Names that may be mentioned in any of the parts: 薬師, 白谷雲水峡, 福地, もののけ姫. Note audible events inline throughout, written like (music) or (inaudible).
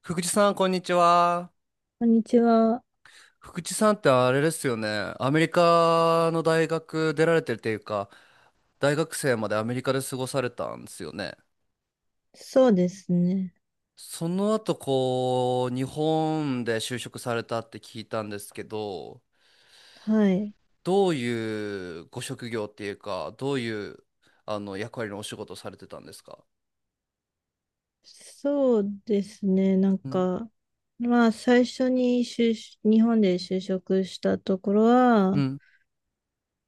福地さん、こんにちは。こんにちは。福地さんってあれですよね。アメリカの大学出られてるっていうか、大学生までアメリカで過ごされたんですよね。そうですね。その後、こう、日本で就職されたって聞いたんですけど、はい。どういうご職業っていうか、どういう、あの、役割のお仕事をされてたんですか？そうですね。うん、最初に日本で就職したところうは、ん、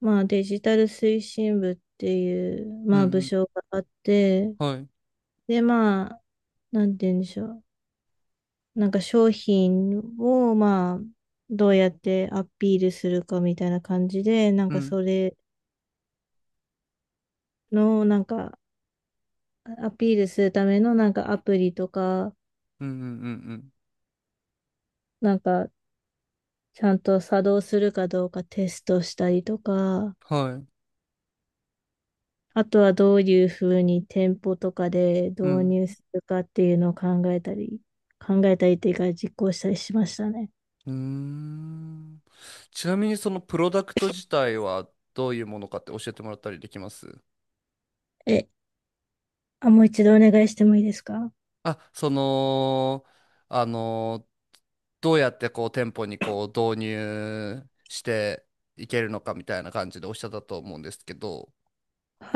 デジタル推進部っていう、うん、う部ん。署があって、はい、で、まあ、なんて言うんでしょう。商品を、どうやってアピールするかみたいな感じで、うん、それの、なんか、アピールするための、アプリとか、うん、うん、うん、うん。なんか、ちゃんと作動するかどうかテストしたりとか、はい、あとはどういうふうに店舗とかで導うん。入するかっていうのを考えたりっていうか実行したりしましたね。うーん。ちなみにそのプロダクト自体はどういうものかって教えてもらったりできます？え、あ、もう一度お願いしてもいいですか？あ、その、あの、どうやってこう店舗にこう導入していけるのかみたいな感じでおっしゃったと思うんですけど、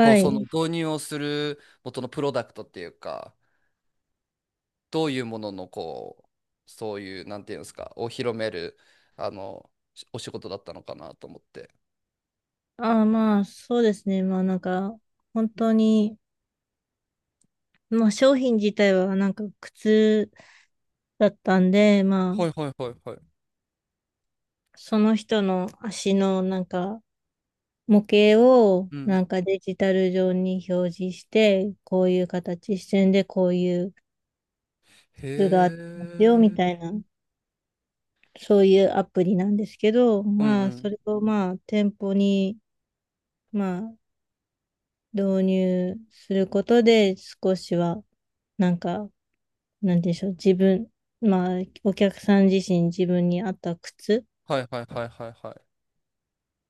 こうそのい。導入をする元のプロダクトっていうか、どういうもののこう、そういう、なんていうんですか、を広める、あの、お仕事だったのかなと思って。そうですね。本当に、商品自体は靴だったんで、まあ、はいはいはいはい。その人の足の模型をうん。デジタル上に表示して、こういう形、視線でこういうへ図があってますよ、みえ。たいな、そういうアプリなんですけど、うんうそん。れを店舗に、まあ、導入することで、少しは、なんか、なんでしょう、自分、まあ、お客さん自身、自分に合った靴はいはいはいはいは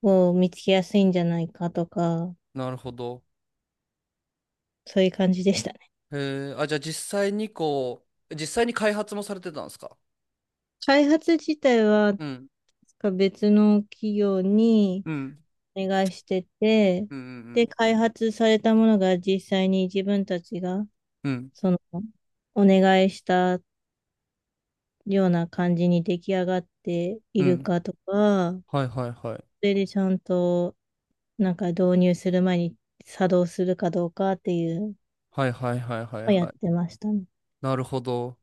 を見つけやすいんじゃないかとか、い。なるほど。そういう感じでした。へえ。あ、じゃあ実際に開発もされてたんですか？開発自体は、確うん。か別の企業にうん。お願いしてて、うんうんで、開発されたものが実際に自分たちが、うん。うん。その、お願いしたような感じに出来上がっていうるん。かとか、はいはいはい。それでちゃんと、導入する前に作動するかどうかっていうのはいはいはいはいをやっはい。てましたね。なるほど。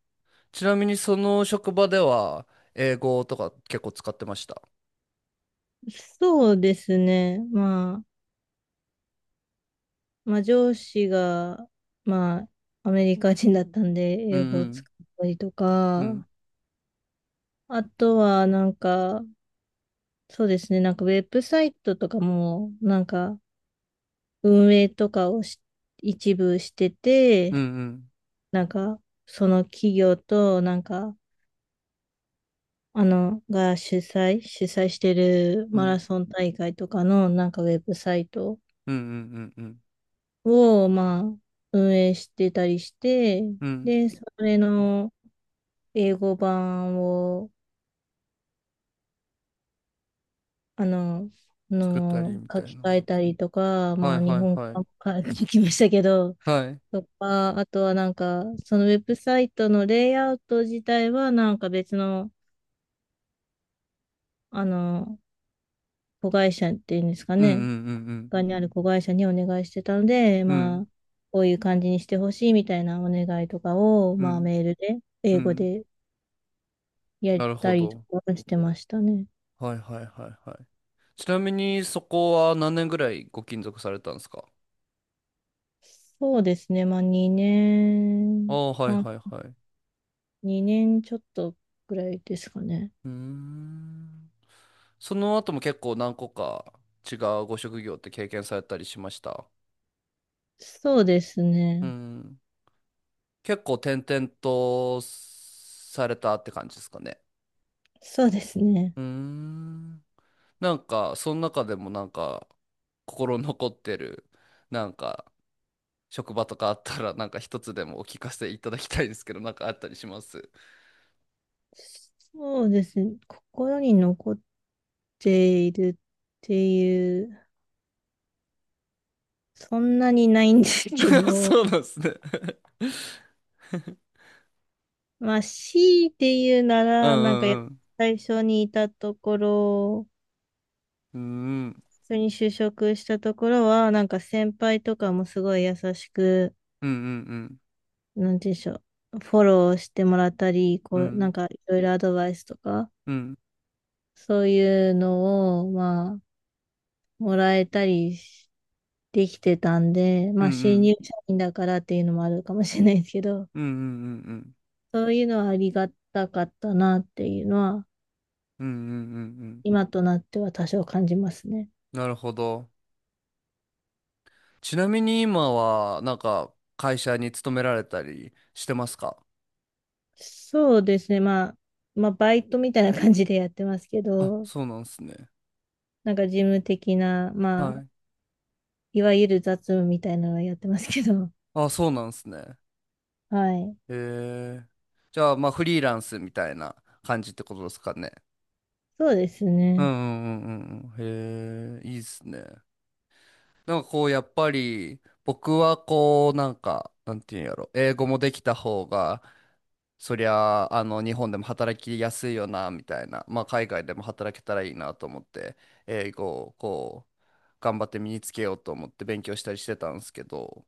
ちなみにその職場では、英語とか結構使ってました？そうですね。上司が、まあ、アメリカ人だったんで、うん英う語をん。使ったりとうんか、あとは、ウェブサイトとかも、運営とかを一部してうんうて、んなんか、その企業と、が主催してるうマんラソン大会とかの、ウェブサイトうんうんうんうんを、運営してたりして、うん。で、それの、英語版を、あの、作ったりみた書いきな。換えたりとか、はまいあ、日はい本はい。語版も (laughs) 書きましたけど、はい。とか、あとはそのウェブサイトのレイアウト自体は、別の、あの、子会社っていうんですかうんうんね、うんうん。他にある子会社にお願いしてたので、うまんあ、こういう感じにしてほしいみたいなお願いとかを、うまあ、んメールで、う英語ん。でやっなるたほりとど。かしてましたね。はいはいはいはい。ちなみにそこは何年ぐらいご勤続されたんですか？そうですね、まあ、2あ年。あ、はいはいはい。う2年ちょっとぐらいですかね。ーん。その後も結構何個か違うご職業って経験されたりしました？そうですうね。ん。結構転々とされたって感じですかね。そうですね。うーん。なんか、その中でもなんか、心残ってる、なんか、職場とかあったら、なんか一つでもお聞かせいただきたいですけど、なんかあったりします？ そうですね。心に残っているっていう、そんなにないんですけ (laughs) ど、そうなんですね。 (laughs) (laughs) まあ、強いて言うなうら、なんかやんうん最初にいたところ、うん普通に就職したところは、なんか先輩とかもすごい優しく、うんうんなんて言うんでしょう、フォローしてもらったり、うこう、なんんかいろいろアドバイスとか、うんうんそういうのを、まあ、もらえたりしできてたんで、うまあ、新ん入社員だからっていうのもあるかもしれないですけど、うんうんうんうんそういうのはありがたかったなっていうのは、うんうんうんうん。今となっては多少感じますね。なるほど。ちなみに今はなんか会社に勤められたりしてますか？そうですね、まあ、バイトみたいな感じでやってますけあ、ど、そうなんですね。なんか事務的な、はまあ、い。いわゆる雑務みたいなのはやってますけど、あ、そうなんですね。はい。へえ。じゃあまあフリーランスみたいな感じってことですかね？そうですうんうね。んうんうんうん。へえ、いいっすね。なんかこう、やっぱり、僕はこう、なんか、なんていうんやろ、英語もできた方が、そりゃあ、あの、日本でも働きやすいよな、みたいな、まあ、海外でも働けたらいいなと思って、英語をこう、頑張って身につけようと思って勉強したりしてたんですけど、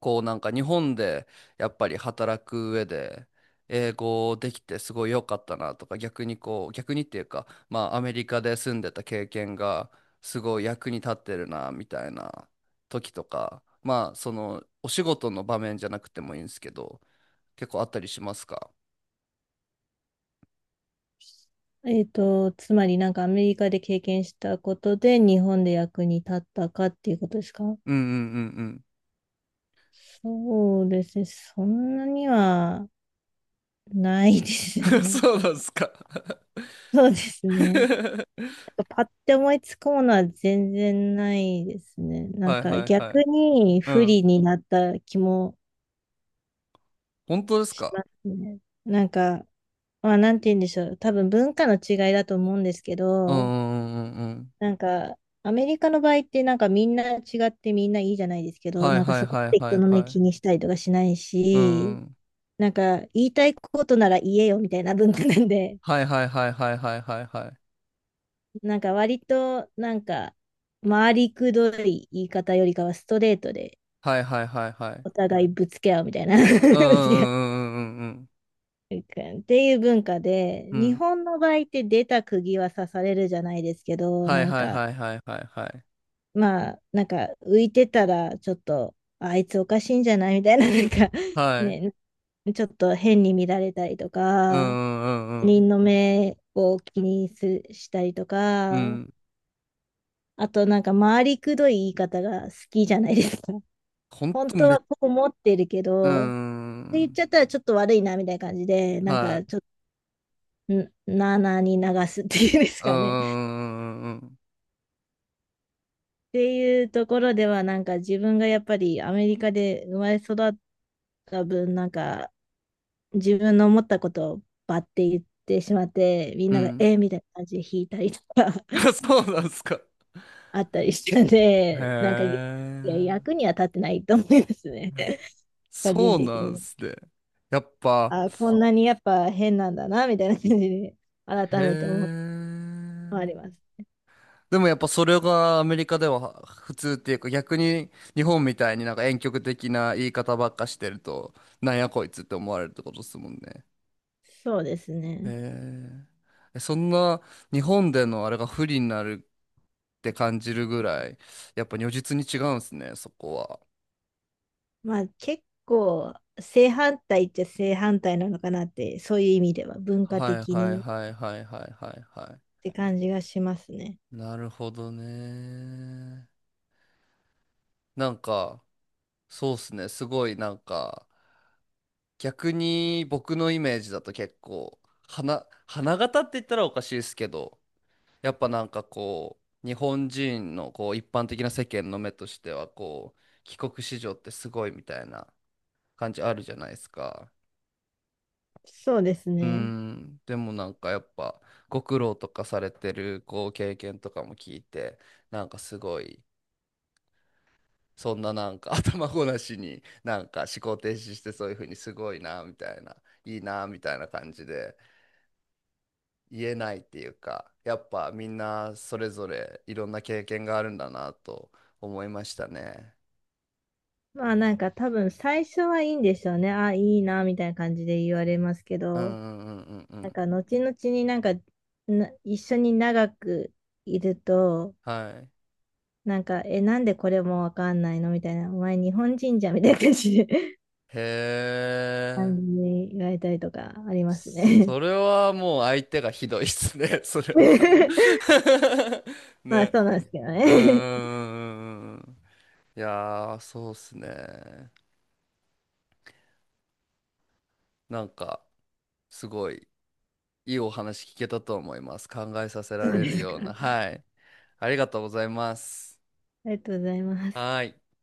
こうなんか日本でやっぱり働く上で英語できてすごい良かったなとか逆にっていうかまあアメリカで住んでた経験がすごい役に立ってるなみたいな時とかまあそのお仕事の場面じゃなくてもいいんですけど結構あったりしますか？ えっと、つまりなんかアメリカで経験したことで日本で役に立ったかっていうことですか？ (laughs) うんうんうんそうですね。そんなにはないですうん。 (laughs) ね。そうなんですか？ (laughs) そうですね。(laughs) なんかパッて思いつくものは全然ないですね。なんはいかはいは逆い。にう不ん。利になった気も本当ですしか？ますね。なんか、なんて言うんでしょう。多分文化の違いだと思うんですけうんど、うんうんうんうん。なんか、アメリカの場合ってみんなってみんないいじゃないですけど、はいなんかはいそこっはいては人いの目はい。気にしたりとかしないうし、ん。なんか言いたいことなら言えよみたいな文化なんで、はいはいはいはいはいはいはい。(laughs) なんか割と回りくどい言い方よりかはストレートではいはいはいはい。お互いぶつけ合うみたいな (laughs) うんうぶつけんうんうんうん合うっていう文化うんうん。で、う日ん。本の場合って出た釘は刺されるじゃないですけど、はいはいはいはいはいはい。まあ、なんか浮いてたら、ちょっと、あいつおかしいんじゃないみたいな、(laughs) はい。ね、ちょっと変に見られたりとうか、んうんう他人んの目を気にしたりとうん。うか、ん。あとなんか回りくどい言い方が好きじゃないですか。(laughs) ほん本と当め、はこう思ってるけうど、って言っん。ちゃったらちょっと悪いなみたいな感じで、はい。ちょっと、なあなあに流すっていうんですうんかね。(laughs) うんうんうんっていうところでは、なんか自分がやっぱりアメリカで生まれ育った分、なんか自分の思ったことをバッて言ってしまって、みんうん。なうがん。えーみたいな感じで引いたりとか (laughs) そうなんすか。(laughs) あったりしたのへで、いや、役え。には立ってないと思いますね。(laughs) 個人そう的なんに。すね。やっぱ、あ、こんなにやっぱ変なんだな、みたいな感じで、改へめて思ってありまえ。す。でもやっぱそれがアメリカでは普通っていうか逆に日本みたいになんか婉曲的な言い方ばっかしてるとなんやこいつって思われるってことですもんね。そうですへね。え。そんな日本でのあれが不利になるって感じるぐらいやっぱ如実に違うんですねそこは。まあ結構、正反対っちゃ正反対なのかなって、そういう意味では文化はい的はいにっはいはいはいはいはて感じがしますね。い。なるほどね。なんかそうっすねすごいなんか。逆に僕のイメージだと結構花形って言ったらおかしいですけどやっぱなんかこう日本人のこう一般的な世間の目としてはこう帰国子女ってすごいみたいな感じあるじゃないですか。そうですうーね。ん。でもなんかやっぱご苦労とかされてるこう経験とかも聞いてなんかすごいそんななんか (laughs) 頭ごなしになんか思考停止してそういうふうにすごいなみたいないいなみたいな感じで。言えないっていうか、やっぱみんなそれぞれいろんな経験があるんだなと思いましたね。まあなんか多分最初はいいんでしょうね。あ、いいな、みたいな感じで言われますけうんど、うんうんうんうなんん。か後々になんかな一緒に長くいると、はい。なんか、え、なんでこれもわかんないのみたいな、お前日本人じゃんみたいな感じで へ (laughs) え。感じで言われたりとかありますね。それはもう相手がひどいっすね、(laughs) それは。 (laughs) (laughs) まあね。そうなんですけどうんうね。んうんうんうん。いやー、そうっすね。なんか、すごいいいお話聞けたと思います。考えさせ (laughs) そらうれでるすようか。な。あはい。ありがとうございます。りがとうございます。はーい。